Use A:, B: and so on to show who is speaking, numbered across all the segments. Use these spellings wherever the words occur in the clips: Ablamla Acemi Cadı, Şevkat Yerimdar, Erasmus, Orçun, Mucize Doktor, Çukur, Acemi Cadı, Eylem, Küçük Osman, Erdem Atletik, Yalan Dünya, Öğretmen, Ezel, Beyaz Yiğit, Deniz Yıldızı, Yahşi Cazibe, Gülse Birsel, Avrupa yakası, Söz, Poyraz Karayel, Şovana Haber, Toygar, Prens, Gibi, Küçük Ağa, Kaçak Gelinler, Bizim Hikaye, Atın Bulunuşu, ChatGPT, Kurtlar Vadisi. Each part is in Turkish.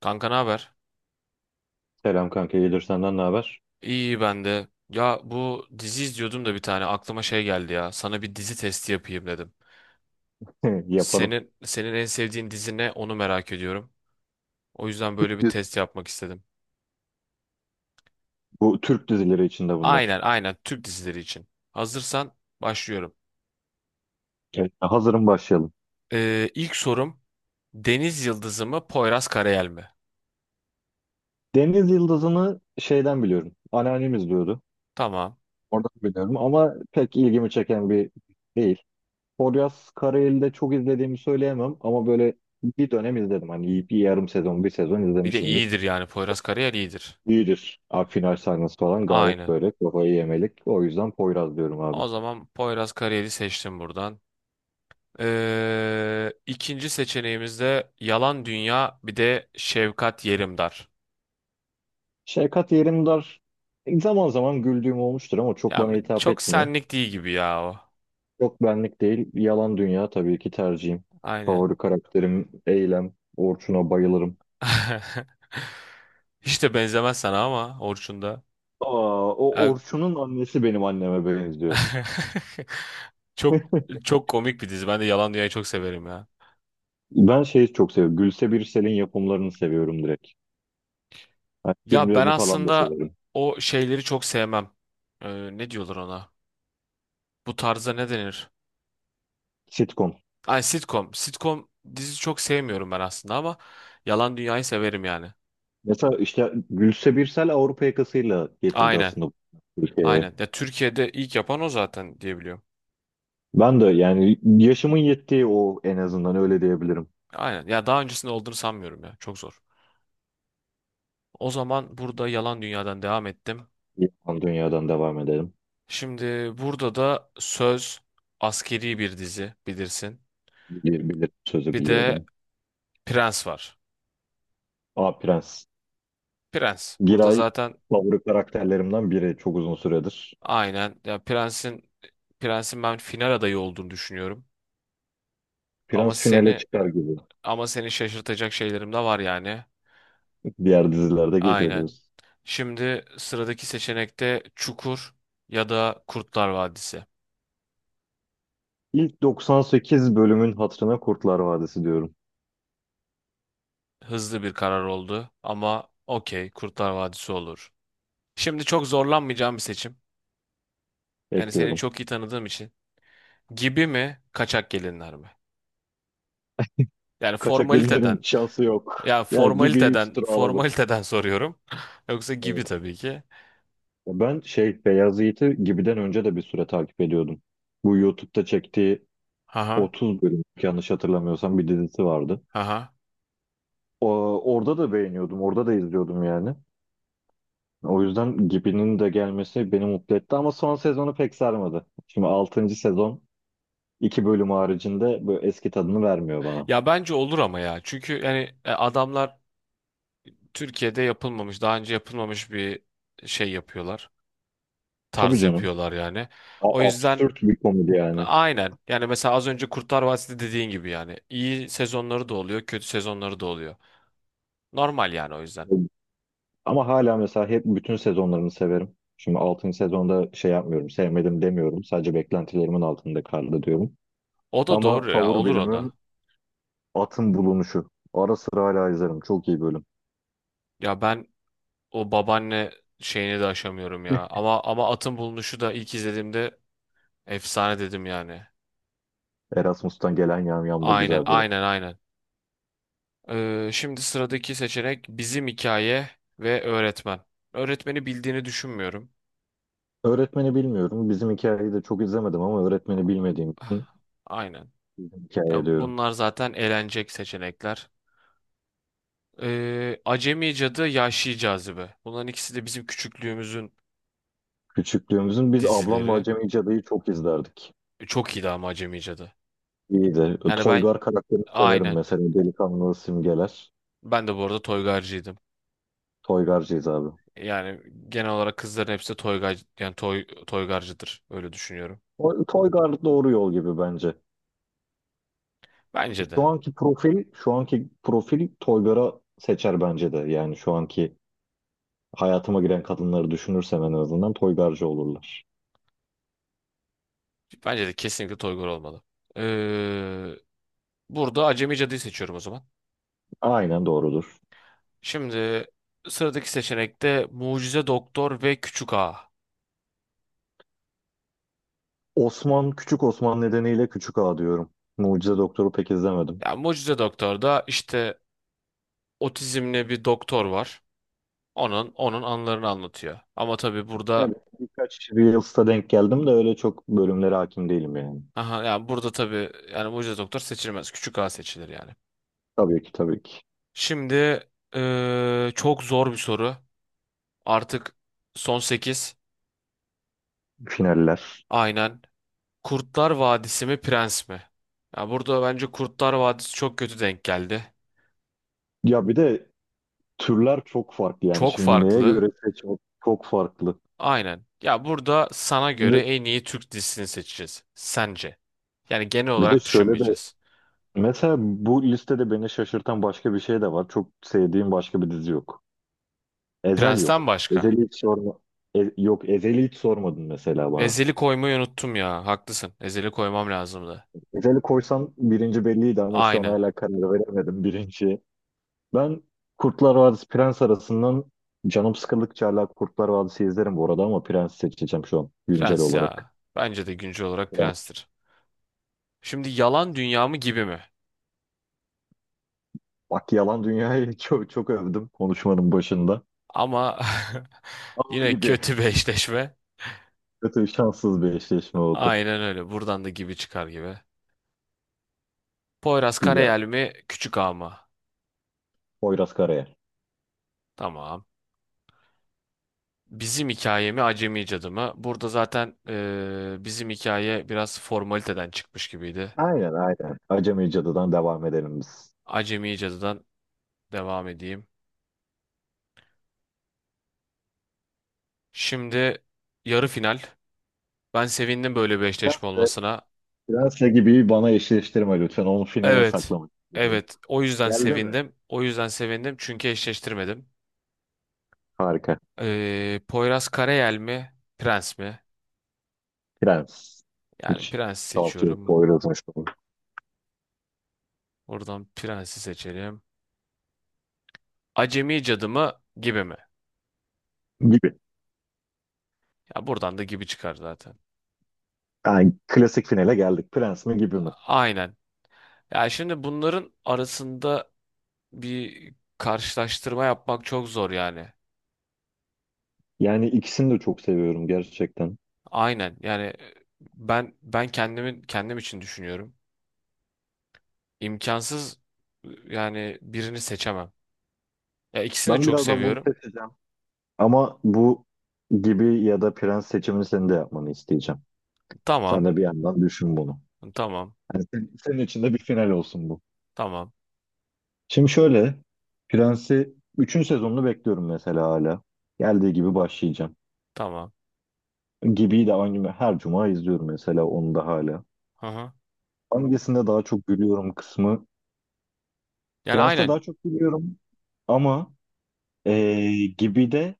A: Kanka ne haber?
B: Selam kanka, iyidir senden ne haber?
A: İyi ben de. Ya bu dizi izliyordum da bir tane aklıma şey geldi ya. Sana bir dizi testi yapayım dedim.
B: Yapalım.
A: Senin en sevdiğin dizi ne? Onu merak ediyorum. O yüzden
B: Türk
A: böyle bir
B: dizi-
A: test yapmak istedim.
B: Bu Türk dizileri içinde
A: Aynen
B: bunlar.
A: aynen Türk dizileri için. Hazırsan başlıyorum.
B: Evet, hazırım başlayalım.
A: İlk sorum Deniz Yıldızı mı Poyraz Karayel mi?
B: Deniz Yıldızı'nı şeyden biliyorum. Anneannem izliyordu.
A: Tamam.
B: Oradan biliyorum ama pek ilgimi çeken bir değil. Poyraz Karayel'i çok izlediğimi söyleyemem ama böyle bir dönem izledim. Hani bir yarım sezon, bir sezon
A: Bir de
B: izlemişimdir.
A: iyidir yani Poyraz Karayel iyidir.
B: İyidir. Abi final sahnesi falan gayet
A: Aynen.
B: böyle kafayı yemelik. O yüzden Poyraz diyorum abi.
A: O zaman Poyraz Karayel'i seçtim buradan. İkinci seçeneğimizde yalan dünya bir de Şevkat Yerimdar.
B: Şevkat Yerimdar zaman zaman güldüğüm olmuştur ama çok
A: Ya
B: bana hitap
A: çok
B: etmiyor.
A: senlik değil gibi ya o.
B: Yok benlik değil. Yalan Dünya tabii ki tercihim.
A: Aynen.
B: Favori karakterim Eylem. Orçun'a bayılırım.
A: Hiç de benzemez sana ama Orçun da.
B: Aa, o
A: Ya-
B: Orçun'un annesi benim anneme benziyor.
A: Çok çok komik bir dizi. Ben de Yalan Dünya'yı çok severim ya.
B: Ben şeyi çok seviyorum. Gülse Birsel'in yapımlarını seviyorum direkt. Hani
A: Ya ben
B: filmlerini falan da
A: aslında
B: severim.
A: o şeyleri çok sevmem. Ne diyorlar ona? Bu tarza ne denir?
B: Sitcom.
A: Ay sitcom. Sitcom dizi çok sevmiyorum ben aslında ama Yalan Dünya'yı severim yani.
B: Mesela işte Gülse Birsel Avrupa yakasıyla getirdi
A: Aynen.
B: aslında bu Türkiye'ye.
A: Aynen. Ya Türkiye'de ilk yapan o zaten diyebiliyorum.
B: Ben de yani yaşımın yettiği o en azından öyle diyebilirim.
A: Aynen. Ya daha öncesinde olduğunu sanmıyorum ya. Çok zor. O zaman burada Yalan Dünya'dan devam ettim.
B: Yalan Dünya'dan devam edelim.
A: Şimdi burada da Söz askeri bir dizi bilirsin.
B: Bilir sözü
A: Bir de
B: biliyorum.
A: Prens var.
B: A Prens.
A: Prens.
B: Bir
A: Burada
B: ay
A: zaten
B: favori karakterlerimden biri çok uzun süredir.
A: aynen ya Prens'in ben final adayı olduğunu düşünüyorum. Ama
B: Prens finale
A: seni
B: çıkar gibi.
A: ama seni şaşırtacak şeylerim de var yani.
B: Diğer dizilerde geliyor
A: Aynen.
B: diyoruz.
A: Şimdi sıradaki seçenekte Çukur ya da Kurtlar Vadisi.
B: İlk 98 bölümün hatırına Kurtlar Vadisi diyorum.
A: Hızlı bir karar oldu ama okey Kurtlar Vadisi olur. Şimdi çok zorlanmayacağım bir seçim. Yani seni
B: Ekliyorum.
A: çok iyi tanıdığım için. Gibi mi, kaçak gelinler mi? Yani
B: Kaçak gelinlerin
A: formaliteden,
B: şansı yok. Ya gibi üstüne alalım.
A: formaliteden soruyorum. Yoksa
B: Evet.
A: gibi tabii ki.
B: Ben Beyaz Yiğit'i Gibi'den önce de bir süre takip ediyordum. Bu YouTube'da çektiği
A: Haha,
B: 30 bölüm yanlış hatırlamıyorsam bir dizisi vardı.
A: haha.
B: O, Orada da beğeniyordum. Orada da izliyordum yani. O yüzden Gibi'nin de gelmesi beni mutlu etti ama son sezonu pek sarmadı. Şimdi 6. sezon iki bölüm haricinde böyle eski tadını vermiyor bana.
A: Ya bence olur ama ya. Çünkü yani adamlar Türkiye'de yapılmamış, daha önce yapılmamış bir şey yapıyorlar.
B: Tabii
A: Tarz
B: canım.
A: yapıyorlar yani. O yüzden
B: Absürt bir komedi yani.
A: aynen. Yani mesela az önce Kurtlar Vadisi dediğin gibi yani iyi sezonları da oluyor, kötü sezonları da oluyor. Normal yani o yüzden.
B: Ama hala mesela hep bütün sezonlarını severim. Şimdi 6. sezonda şey yapmıyorum, sevmedim demiyorum. Sadece beklentilerimin altında kaldı diyorum.
A: O da
B: Ama
A: doğru ya,
B: favori
A: olur o
B: bölümüm
A: da.
B: Atın Bulunuşu. Ara sıra hala izlerim. Çok iyi bölüm.
A: Ya ben o babaanne şeyini de aşamıyorum ya. Ama Atın Bulunuşu da ilk izlediğimde efsane dedim yani.
B: Erasmus'tan gelen yamyam da
A: Aynen,
B: güzel bölüm.
A: aynen, aynen. Şimdi sıradaki seçenek bizim hikaye ve öğretmen. Öğretmeni bildiğini düşünmüyorum.
B: Öğretmeni bilmiyorum. Bizim hikayeyi de çok izlemedim ama öğretmeni bilmediğim için
A: Ah, aynen.
B: bizim
A: Ya
B: hikaye diyorum.
A: bunlar zaten elenecek seçenekler. Acemi Cadı, Yahşi Cazibe. Bunların ikisi de bizim küçüklüğümüzün
B: Küçüklüğümüzün biz Ablamla
A: dizileri.
B: Acemi Cadı'yı çok izlerdik.
A: E, çok iyiydi ama Acemi Cadı.
B: İyiydi.
A: Yani ben
B: Toygar karakterini severim
A: aynen.
B: mesela. Delikanlı simgeler.
A: Ben de bu arada toygarcıydım.
B: Toygarcıyız abi.
A: Yani genel olarak kızların hepsi de toygar yani toy toygarcıdır. Öyle düşünüyorum.
B: Toygar doğru yol gibi bence.
A: Bence
B: Şu
A: de.
B: anki profil, şu anki profil Toygar'a seçer bence de. Yani şu anki hayatıma giren kadınları düşünürsem en azından Toygarcı olurlar.
A: Bence de kesinlikle toygar olmalı. Ee, Burada Acemi Cadı'yı seçiyorum o zaman.
B: Aynen doğrudur.
A: Şimdi sıradaki seçenekte Mucize Doktor ve Küçük Ağa.
B: Osman, Küçük Osman nedeniyle Küçük Ağa diyorum. Mucize Doktor'u pek izlemedim.
A: Yani Mucize Doktor'da işte otizmli bir doktor var. Onun anılarını anlatıyor. Ama tabii
B: Yani
A: burada
B: birkaç Reels'ta denk geldim de öyle çok bölümlere hakim değilim yani.
A: aha yani burada tabii yani Mucize Doktor seçilmez. Küçük A seçilir yani.
B: Tabii ki tabii ki.
A: Şimdi çok zor bir soru. Artık son 8,
B: Finaller.
A: aynen. Kurtlar Vadisi mi Prens mi? Ya burada bence Kurtlar Vadisi çok kötü denk geldi.
B: Ya bir de türler çok farklı yani.
A: Çok
B: Şimdi neye
A: farklı.
B: göre seçmek çok farklı.
A: Aynen. Ya burada sana göre
B: Şimdi
A: en iyi Türk dizisini seçeceğiz. Sence. Yani genel
B: bir de
A: olarak
B: şöyle de
A: düşünmeyeceğiz.
B: mesela bu listede beni şaşırtan başka bir şey de var. Çok sevdiğim başka bir dizi yok. Ezel
A: Prens'ten
B: yok.
A: başka.
B: Ezel'i hiç sorma. Yok Ezel'i hiç sormadın mesela bana.
A: Ezeli koymayı unuttum ya. Haklısın. Ezeli koymam lazımdı.
B: Özel'i koysam birinci belliydi ama şu an
A: Aynen.
B: hala karar veremedim birinci. Ben Kurtlar Vadisi Prens arasından canım sıkıldıkça hala Kurtlar Vadisi izlerim bu arada ama Prens seçeceğim şu an güncel
A: Prens
B: olarak.
A: ya. Bence de güncel olarak
B: Yani
A: prenstir. Şimdi yalan dünya mı gibi mi?
B: bak Yalan Dünya'yı çok, çok övdüm konuşmanın başında.
A: Ama
B: Ama
A: yine
B: gibi
A: kötü bir eşleşme.
B: kötü şanssız bir eşleşme oldu
A: Aynen öyle. Buradan da gibi çıkar gibi. Poyraz
B: gibi ya.
A: Karayel mi? Küçük Ağa mı?
B: Poyraz Karayel.
A: Tamam. Bizim hikaye mi? Acemi Cadı mı? Burada zaten bizim hikaye biraz formaliteden çıkmış gibiydi.
B: Aynen aynen. Acemi Cadı'dan devam edelim biz.
A: Acemi Cadı'dan devam edeyim. Şimdi yarı final. Ben sevindim böyle bir eşleşme
B: Prens'le,
A: olmasına.
B: Prens'le gibi bana eşleştirme lütfen. Onu finale
A: Evet.
B: saklamak istiyorum.
A: Evet. O yüzden
B: Geldi mi?
A: sevindim. O yüzden sevindim çünkü eşleştirmedim.
B: Harika.
A: Poyraz Karayel mi? Prens mi?
B: Prens.
A: Yani
B: Hiç
A: Prens
B: şaltı yok,
A: seçiyorum.
B: Poyraz'ın şovu.
A: Buradan Prens'i seçelim. Acemi Cadı mı? Gibi mi?
B: Gibi.
A: Ya buradan da gibi çıkar zaten.
B: Yani klasik finale geldik. Prens mi gibi mi?
A: Aynen. Ya şimdi bunların arasında bir karşılaştırma yapmak çok zor yani.
B: Yani ikisini de çok seviyorum gerçekten.
A: Aynen. Yani ben kendimin kendim için düşünüyorum. İmkansız yani birini seçemem. Ya ikisini de
B: Ben
A: çok
B: birazdan bunu
A: seviyorum.
B: seçeceğim. Ama bu gibi ya da prens seçimini senin de yapmanı isteyeceğim. Sen
A: Tamam.
B: de bir yandan düşün bunu.
A: Tamam.
B: Yani senin için de bir final olsun bu.
A: Tamam.
B: Şimdi şöyle. Prensi üçüncü sezonunu bekliyorum mesela hala. Geldiği gibi başlayacağım.
A: Tamam.
B: Gibi'yi de aynı her cuma izliyorum mesela onu da hala.
A: Hı hı.
B: Hangisinde daha çok gülüyorum kısmı
A: Yani
B: Prens'te
A: aynen.
B: daha çok biliyorum ama gibi de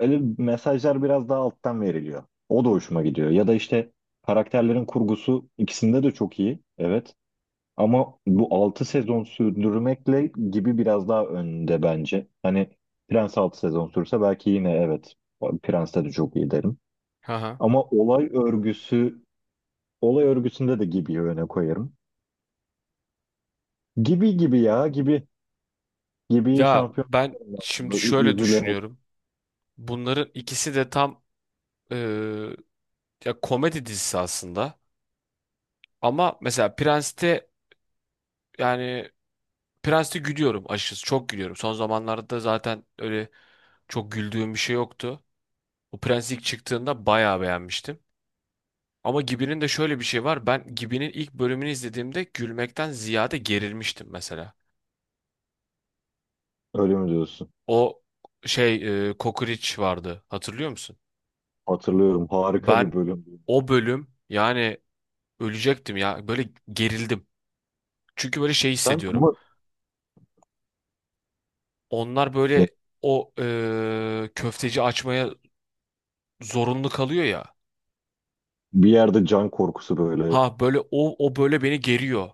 B: öyle mesajlar biraz daha alttan veriliyor. O da hoşuma gidiyor. Ya da işte karakterlerin kurgusu ikisinde de çok iyi. Evet. Ama bu 6 sezon sürdürmekle gibi biraz daha önde bence. Hani Prens 6 sezon sürse belki yine evet Prens'te de çok iyi derim.
A: Hı hı.
B: Ama olay örgüsünde de Gibi'yi öne koyarım. Gibi gibi ya gibi gibi
A: Ya
B: şampiyon.
A: ben şimdi şöyle
B: Üzülerek
A: düşünüyorum. Bunların ikisi de tam e, ya komedi dizisi aslında. Ama mesela Prens'te yani Prens'te gülüyorum açıkçası. Çok gülüyorum. Son zamanlarda zaten öyle çok güldüğüm bir şey yoktu. O Prens ilk çıktığında bayağı beğenmiştim. Ama Gibi'nin de şöyle bir şey var. Ben Gibi'nin ilk bölümünü izlediğimde gülmekten ziyade gerilmiştim mesela.
B: öyle mi diyorsun?
A: O şey Kokoreç vardı. Hatırlıyor musun?
B: Hatırlıyorum. Harika bir
A: Ben
B: bölüm.
A: o bölüm yani ölecektim ya. Böyle gerildim. Çünkü böyle şey
B: Sen
A: hissediyorum.
B: ama
A: Onlar
B: ne-
A: böyle o köfteci açmaya zorunlu kalıyor ya.
B: bir yerde can korkusu böyle.
A: Ha böyle o böyle beni geriyor.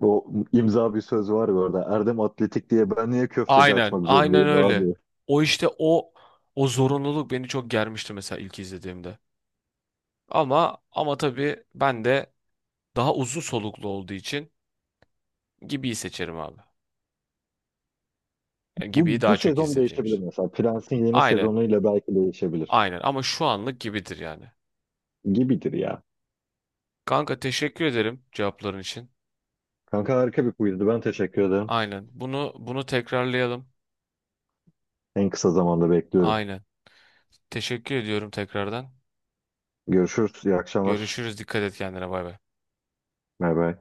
B: O imza bir söz var ya orada. Erdem Atletik diye ben niye köfteci
A: Aynen,
B: açmak
A: aynen
B: zorundayım
A: öyle.
B: abi?
A: O işte o zorunluluk beni çok germişti mesela ilk izlediğimde. Ama tabii ben de daha uzun soluklu olduğu için Gibi'yi seçerim abi. Yani Gibi'yi
B: Bu,
A: daha
B: bu
A: çok
B: sezon
A: izlediğim
B: değişebilir
A: için.
B: mesela. Prens'in yeni
A: Aynen.
B: sezonuyla belki değişebilir.
A: Aynen ama şu anlık Gibi'dir yani.
B: Gibidir ya.
A: Kanka teşekkür ederim cevapların için.
B: Kanka harika bir quizdi. Ben teşekkür ederim.
A: Aynen. Bunu tekrarlayalım.
B: En kısa zamanda bekliyorum.
A: Aynen. Teşekkür ediyorum tekrardan.
B: Görüşürüz. İyi akşamlar.
A: Görüşürüz. Dikkat et kendine. Bay bay.
B: Bay bay.